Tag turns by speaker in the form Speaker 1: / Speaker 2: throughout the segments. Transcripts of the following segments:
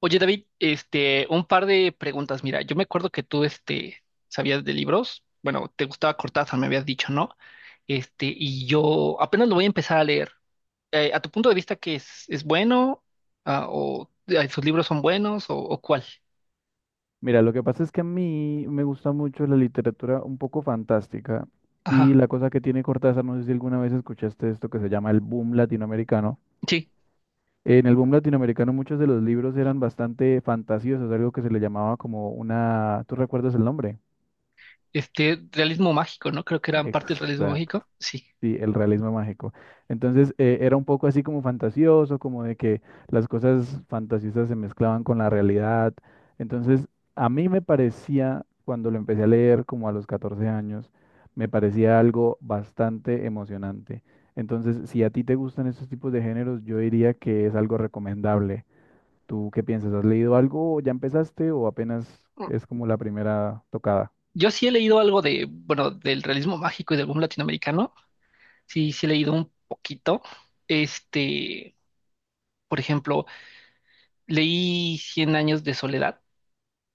Speaker 1: Oye, David, un par de preguntas. Mira, yo me acuerdo que tú sabías de libros. Bueno, te gustaba Cortázar, me habías dicho, ¿no? Y yo apenas lo voy a empezar a leer. ¿A tu punto de vista es bueno? Ah, ¿o sus libros son buenos? O cuál?
Speaker 2: Mira, lo que pasa es que a mí me gusta mucho la literatura un poco fantástica y
Speaker 1: Ajá.
Speaker 2: la cosa que tiene Cortázar, no sé si alguna vez escuchaste esto que se llama el boom latinoamericano.
Speaker 1: Sí,
Speaker 2: En el boom latinoamericano muchos de los libros eran bastante fantasiosos, algo que se le llamaba como una... ¿Tú recuerdas el nombre?
Speaker 1: realismo mágico, ¿no? Creo que eran parte del realismo
Speaker 2: Exacto.
Speaker 1: mágico. Sí.
Speaker 2: Sí, el realismo mágico. Entonces era un poco así como fantasioso, como de que las cosas fantasiosas se mezclaban con la realidad. Entonces a mí me parecía, cuando lo empecé a leer como a los 14 años, me parecía algo bastante emocionante. Entonces, si a ti te gustan estos tipos de géneros, yo diría que es algo recomendable. ¿Tú qué piensas? ¿Has leído algo? ¿Ya empezaste o apenas es como la primera tocada?
Speaker 1: Yo sí he leído algo bueno, del realismo mágico y del boom latinoamericano. Sí, sí he leído un poquito. Este, por ejemplo. Leí Cien años de soledad,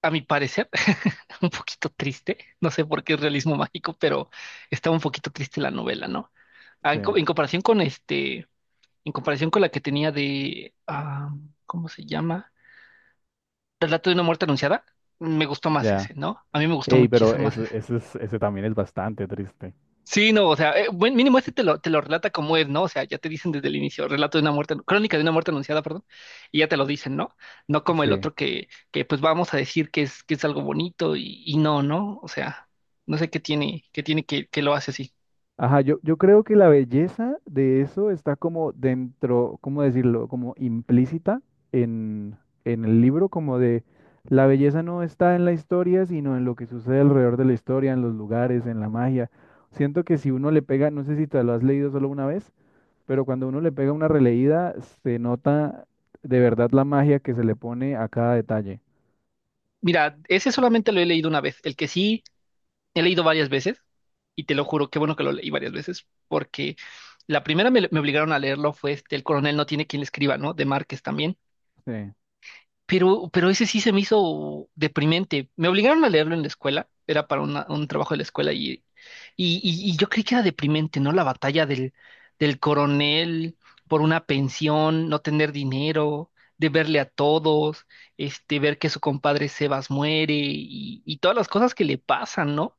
Speaker 1: a mi parecer, un poquito triste. No sé por qué es realismo mágico, pero está un poquito triste la novela, ¿no? Ah,
Speaker 2: Sí,
Speaker 1: En comparación con en comparación con la que tenía de, ah, ¿cómo se llama? Relato de una muerte anunciada, me gustó más
Speaker 2: ya.
Speaker 1: ese, ¿no? A mí me gustó
Speaker 2: Ey, pero
Speaker 1: muchísimo más.
Speaker 2: eso es- ese también es bastante triste.
Speaker 1: Sí, no, o sea, buen mínimo te lo relata como es, ¿no? O sea, ya te dicen desde el inicio, relato de una muerte, crónica de una muerte anunciada, perdón, y ya te lo dicen, ¿no? No como el
Speaker 2: Sí.
Speaker 1: otro que pues vamos a decir que es algo bonito y no, ¿no? O sea, no sé qué tiene que lo hace así.
Speaker 2: Ajá, yo creo que la belleza de eso está como dentro, ¿cómo decirlo? Como implícita en, en el libro, como de la belleza no está en la historia, sino en lo que sucede alrededor de la historia, en los lugares, en la magia. Siento que si uno le pega, no sé si te lo has leído solo una vez, pero cuando uno le pega una releída, se nota de verdad la magia que se le pone a cada detalle.
Speaker 1: Mira, ese solamente lo he leído una vez, el que sí he leído varias veces, y te lo juro, qué bueno que lo leí varias veces, porque la primera me obligaron a leerlo fue El coronel no tiene quien le escriba, ¿no? De Márquez también.
Speaker 2: Sí.
Speaker 1: Pero ese sí se me hizo deprimente. Me obligaron a leerlo en la escuela, era para un trabajo de la escuela y yo creí que era deprimente, ¿no? La batalla del coronel por una pensión, no tener dinero, de verle a todos, ver que su compadre Sebas muere y todas las cosas que le pasan, ¿no?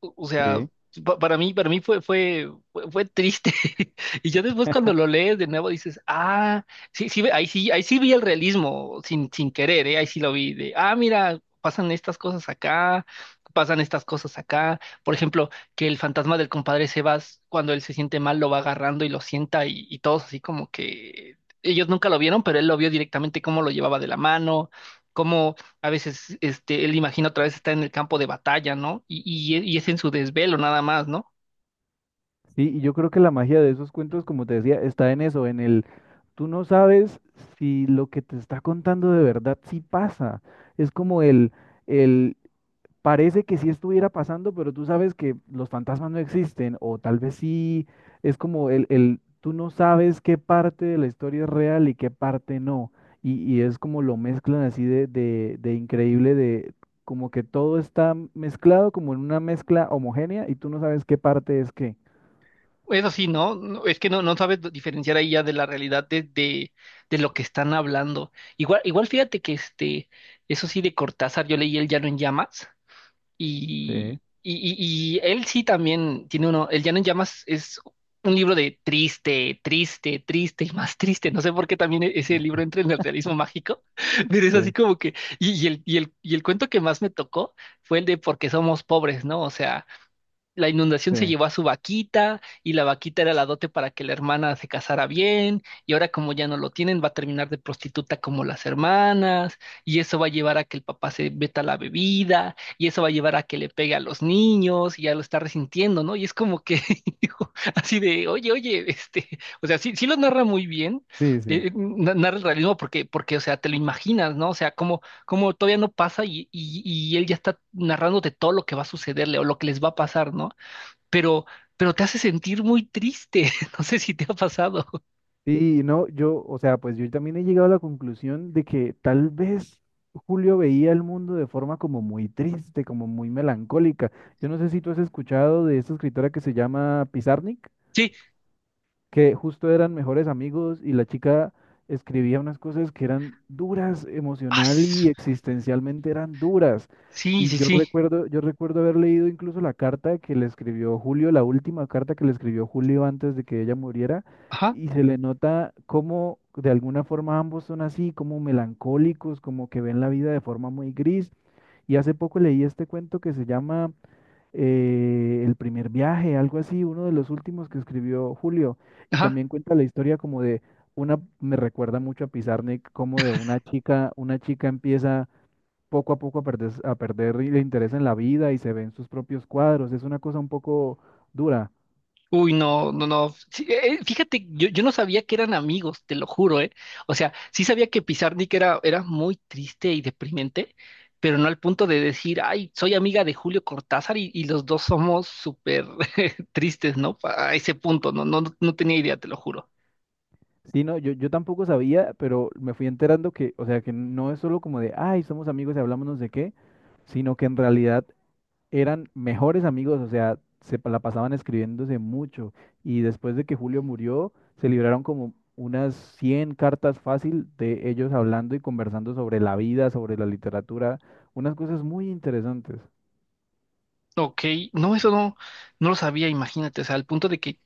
Speaker 1: O sea,
Speaker 2: Sí.
Speaker 1: para mí fue, fue, fue, fue triste. Y ya después cuando lo lees de nuevo dices, ah, sí, sí, ahí sí, ahí sí vi el realismo sin, sin querer, ¿eh? Ahí sí lo vi de, ah, mira, pasan estas cosas acá, pasan estas cosas acá. Por ejemplo, que el fantasma del compadre Sebas, cuando él se siente mal, lo va agarrando y lo sienta y todos así como que ellos nunca lo vieron, pero él lo vio directamente cómo lo llevaba de la mano. A veces, él imagina otra vez está en el campo de batalla, ¿no? Y es en su desvelo nada más, ¿no?
Speaker 2: Sí, y yo creo que la magia de esos cuentos, como te decía, está en eso, en el. Tú no sabes si lo que te está contando de verdad sí pasa. Es como el, parece que sí estuviera pasando, pero tú sabes que los fantasmas no existen, o tal vez sí, es como tú no sabes qué parte de la historia es real y qué parte no. Y es como lo mezclan así de increíble, de como que todo está mezclado como en una mezcla homogénea y tú no sabes qué parte es qué.
Speaker 1: Eso sí, ¿no? No, es que no, no sabes diferenciar ahí ya de la realidad de lo que están hablando. Igual, igual fíjate que eso sí de Cortázar, yo leí El Llano en Llamas.
Speaker 2: Sí,
Speaker 1: Y él sí también tiene uno, El Llano en Llamas es un libro de triste, triste, triste y más triste. No sé por qué también ese libro
Speaker 2: sí,
Speaker 1: entra en el realismo mágico, pero es así
Speaker 2: sí,
Speaker 1: como que, y el cuento que más me tocó fue el de Por qué somos pobres, ¿no? O sea, la inundación se llevó a su vaquita y la vaquita era la dote para que la hermana se casara bien y ahora como ya no lo tienen va a terminar de prostituta como las hermanas y eso va a llevar a que el papá se veta la bebida y eso va a llevar a que le pegue a los niños y ya lo está resintiendo, ¿no? Y es como que digo, así de, oye, oye, o sea, sí, sí lo narra muy bien,
Speaker 2: sí, sí. Sí.
Speaker 1: narra el realismo porque, o sea, te lo imaginas, ¿no? O sea, cómo como todavía no pasa y él ya está narrándote todo lo que va a sucederle o lo que les va a pasar, ¿no? Pero, pero te hace sentir muy triste. No sé si te ha pasado.
Speaker 2: Sí, no, yo, o sea, pues yo también he llegado a la conclusión de que tal vez Julio veía el mundo de forma como muy triste, como muy melancólica. Yo no sé si tú has escuchado de esta escritora que se llama Pizarnik,
Speaker 1: Sí,
Speaker 2: que justo eran mejores amigos y la chica escribía unas cosas que eran duras
Speaker 1: ah,
Speaker 2: emocional y existencialmente eran duras.
Speaker 1: sí,
Speaker 2: Y
Speaker 1: sí, sí.
Speaker 2: yo recuerdo haber leído incluso la carta que le escribió Julio, la última carta que le escribió Julio antes de que ella muriera,
Speaker 1: Ajá,
Speaker 2: y se le nota cómo de alguna forma ambos son así, como melancólicos, como que ven la vida de forma muy gris. Y hace poco leí este cuento que se llama El primer viaje, algo así, uno de los últimos que escribió Julio. Y
Speaker 1: ajá.
Speaker 2: también cuenta la historia como de una, me recuerda mucho a Pizarnik, como de una chica empieza poco a poco a perder el interés en la vida y se ve en sus propios cuadros. Es una cosa un poco dura.
Speaker 1: Uy, no, no, no. Sí, fíjate, yo no sabía que eran amigos, te lo juro, ¿eh? O sea, sí sabía que Pizarnik era, era muy triste y deprimente, pero no al punto de decir, ay, soy amiga de Julio Cortázar y los dos somos súper tristes, ¿no? A ese punto, no, no, no tenía idea, te lo juro.
Speaker 2: Sí, no, yo tampoco sabía, pero me fui enterando que, o sea, que no es solo como de, ay, somos amigos y hablamos no sé qué, sino que en realidad eran mejores amigos, o sea, se pa- la pasaban escribiéndose mucho y después de que Julio murió, se libraron como unas 100 cartas fácil de ellos hablando y conversando sobre la vida, sobre la literatura, unas cosas muy interesantes,
Speaker 1: Ok, no, eso no, no lo sabía, imagínate, o sea, al punto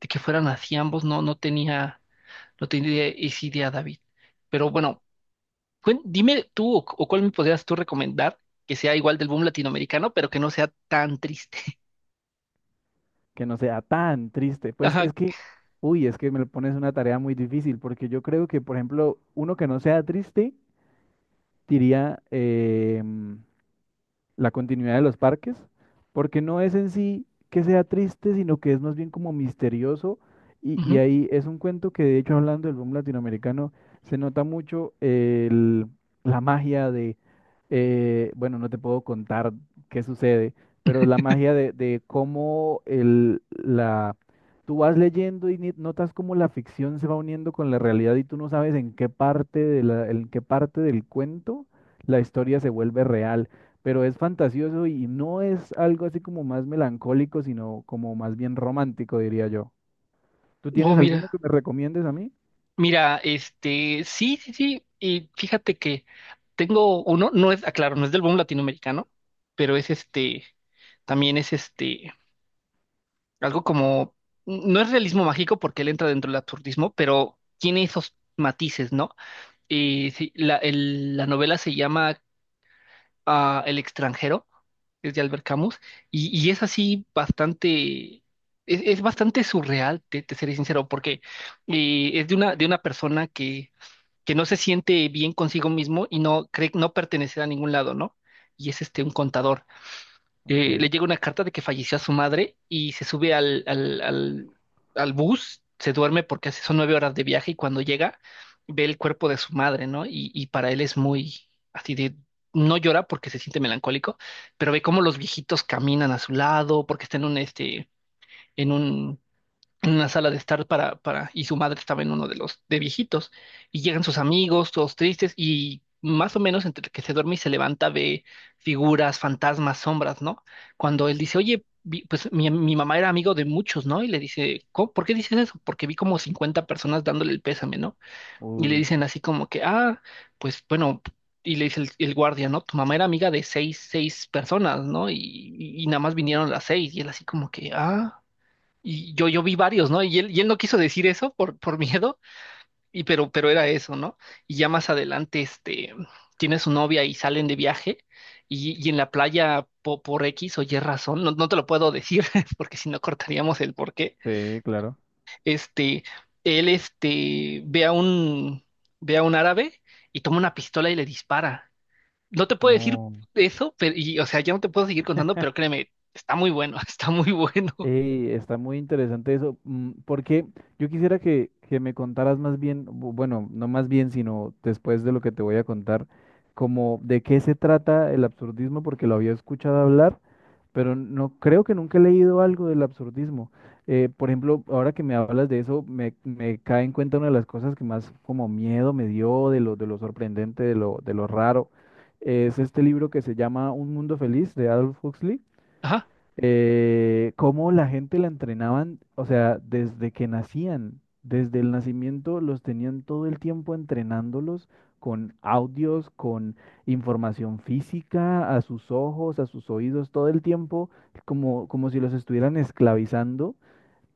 Speaker 1: de que fueran así ambos, no, no tenía, no tenía esa idea, David. Pero bueno, dime tú o cuál me podrías tú recomendar que sea igual del boom latinoamericano, pero que no sea tan triste.
Speaker 2: que no sea tan triste. Pues
Speaker 1: Ajá.
Speaker 2: es que, uy, es que me lo pones una tarea muy difícil, porque yo creo que, por ejemplo, uno que no sea triste diría, la continuidad de los parques, porque no es en sí que sea triste, sino que es más bien como misterioso. Y
Speaker 1: Ujú.
Speaker 2: ahí es un cuento que, de hecho, hablando del boom latinoamericano, se nota mucho el- la magia de, bueno, no te puedo contar qué sucede, pero la magia de cómo tú vas leyendo y ni- notas cómo la ficción se va uniendo con la realidad y tú no sabes en qué parte de la, en qué parte del cuento la historia se vuelve real pero es fantasioso y no es algo así como más melancólico, sino como más bien romántico, diría yo. ¿Tú
Speaker 1: Oh,
Speaker 2: tienes alguno
Speaker 1: mira.
Speaker 2: que me recomiendes a mí?
Speaker 1: Mira, sí, sí, sí. Y fíjate que tengo uno, no es, aclaro, no es del boom latinoamericano, pero es también es algo como, no es realismo mágico porque él entra dentro del absurdismo, pero tiene esos matices, ¿no? Sí, la novela se llama a El extranjero, es de Albert Camus, y es así bastante, es bastante surreal, te seré sincero, porque es de una persona que no se siente bien consigo mismo y no cree no pertenecer a ningún lado, ¿no? Y es un contador. Le
Speaker 2: Ok.
Speaker 1: llega una carta de que falleció su madre y se sube al bus, se duerme porque son 9 horas de viaje y cuando llega ve el cuerpo de su madre, ¿no? Y para él es muy así de, no llora porque se siente melancólico, pero ve cómo los viejitos caminan a su lado porque está en un, en una sala de estar para, y su madre estaba en uno de los de viejitos, y llegan sus amigos, todos tristes, y más o menos entre que se duerme y se levanta ve figuras, fantasmas, sombras, ¿no? Cuando él dice, oye, pues mi mamá era amigo de muchos, ¿no? Y le dice, "¿Cómo- ¿por qué dices eso? Porque vi como 50 personas dándole el pésame, ¿no?" Y le
Speaker 2: Uy,
Speaker 1: dicen así como que, ah, pues bueno. Y le dice el guardia, ¿no? Tu mamá era amiga de seis, seis personas, ¿no? Y nada más vinieron las seis. Y él así como que, ah. Yo vi varios, ¿no? Y él no quiso decir eso por miedo, pero era eso, ¿no? Y ya más adelante, tiene su novia y salen de viaje, y en la playa, por X o Y razón, no, no te lo puedo decir, porque si no cortaríamos el por qué,
Speaker 2: sí, claro.
Speaker 1: este, él, ve a un árabe y toma una pistola y le dispara. No te puedo decir
Speaker 2: No.
Speaker 1: eso, pero, y, o sea, ya no te puedo seguir contando, pero créeme, está muy bueno, está muy bueno.
Speaker 2: Ey, está muy interesante eso, mm, porque yo quisiera que me contaras más bien, bu- bueno, no más bien, sino después de lo que te voy a contar, como de qué se trata el absurdismo, porque lo había escuchado hablar, pero no creo que nunca he leído algo del absurdismo. Por ejemplo, ahora que me hablas de eso, me cae en cuenta una de las cosas que más como miedo me dio de lo sorprendente, de lo raro, es este libro que se llama Un Mundo Feliz de Adolf Huxley.
Speaker 1: Ajá.
Speaker 2: Cómo la gente la entrenaban, o sea, desde que nacían, desde el nacimiento los tenían todo el tiempo entrenándolos con audios, con información física, a sus ojos, a sus oídos, todo el tiempo, como, como si los estuvieran esclavizando,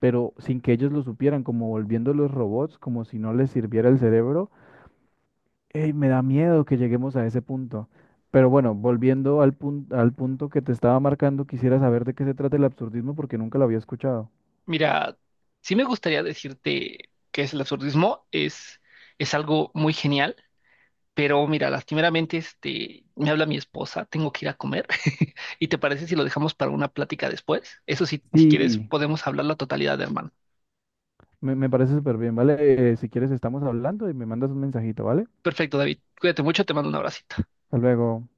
Speaker 2: pero sin que ellos lo supieran, como volviéndolos robots, como si no les sirviera el cerebro. Ey, me da miedo que lleguemos a ese punto. Pero bueno, volviendo al punto que te estaba marcando, quisiera saber de qué se trata el absurdismo porque nunca lo había escuchado.
Speaker 1: Mira, sí me gustaría decirte que es el absurdismo, es algo muy genial, pero mira, lastimeramente me habla mi esposa, tengo que ir a comer. ¿Y te parece si lo dejamos para una plática después? Eso sí, si quieres,
Speaker 2: Sí,
Speaker 1: podemos hablar la totalidad, hermano.
Speaker 2: me parece súper bien, ¿vale? Si quieres, estamos hablando y me mandas un mensajito, ¿vale?
Speaker 1: Perfecto, David. Cuídate mucho, te mando un abracito.
Speaker 2: Hasta luego.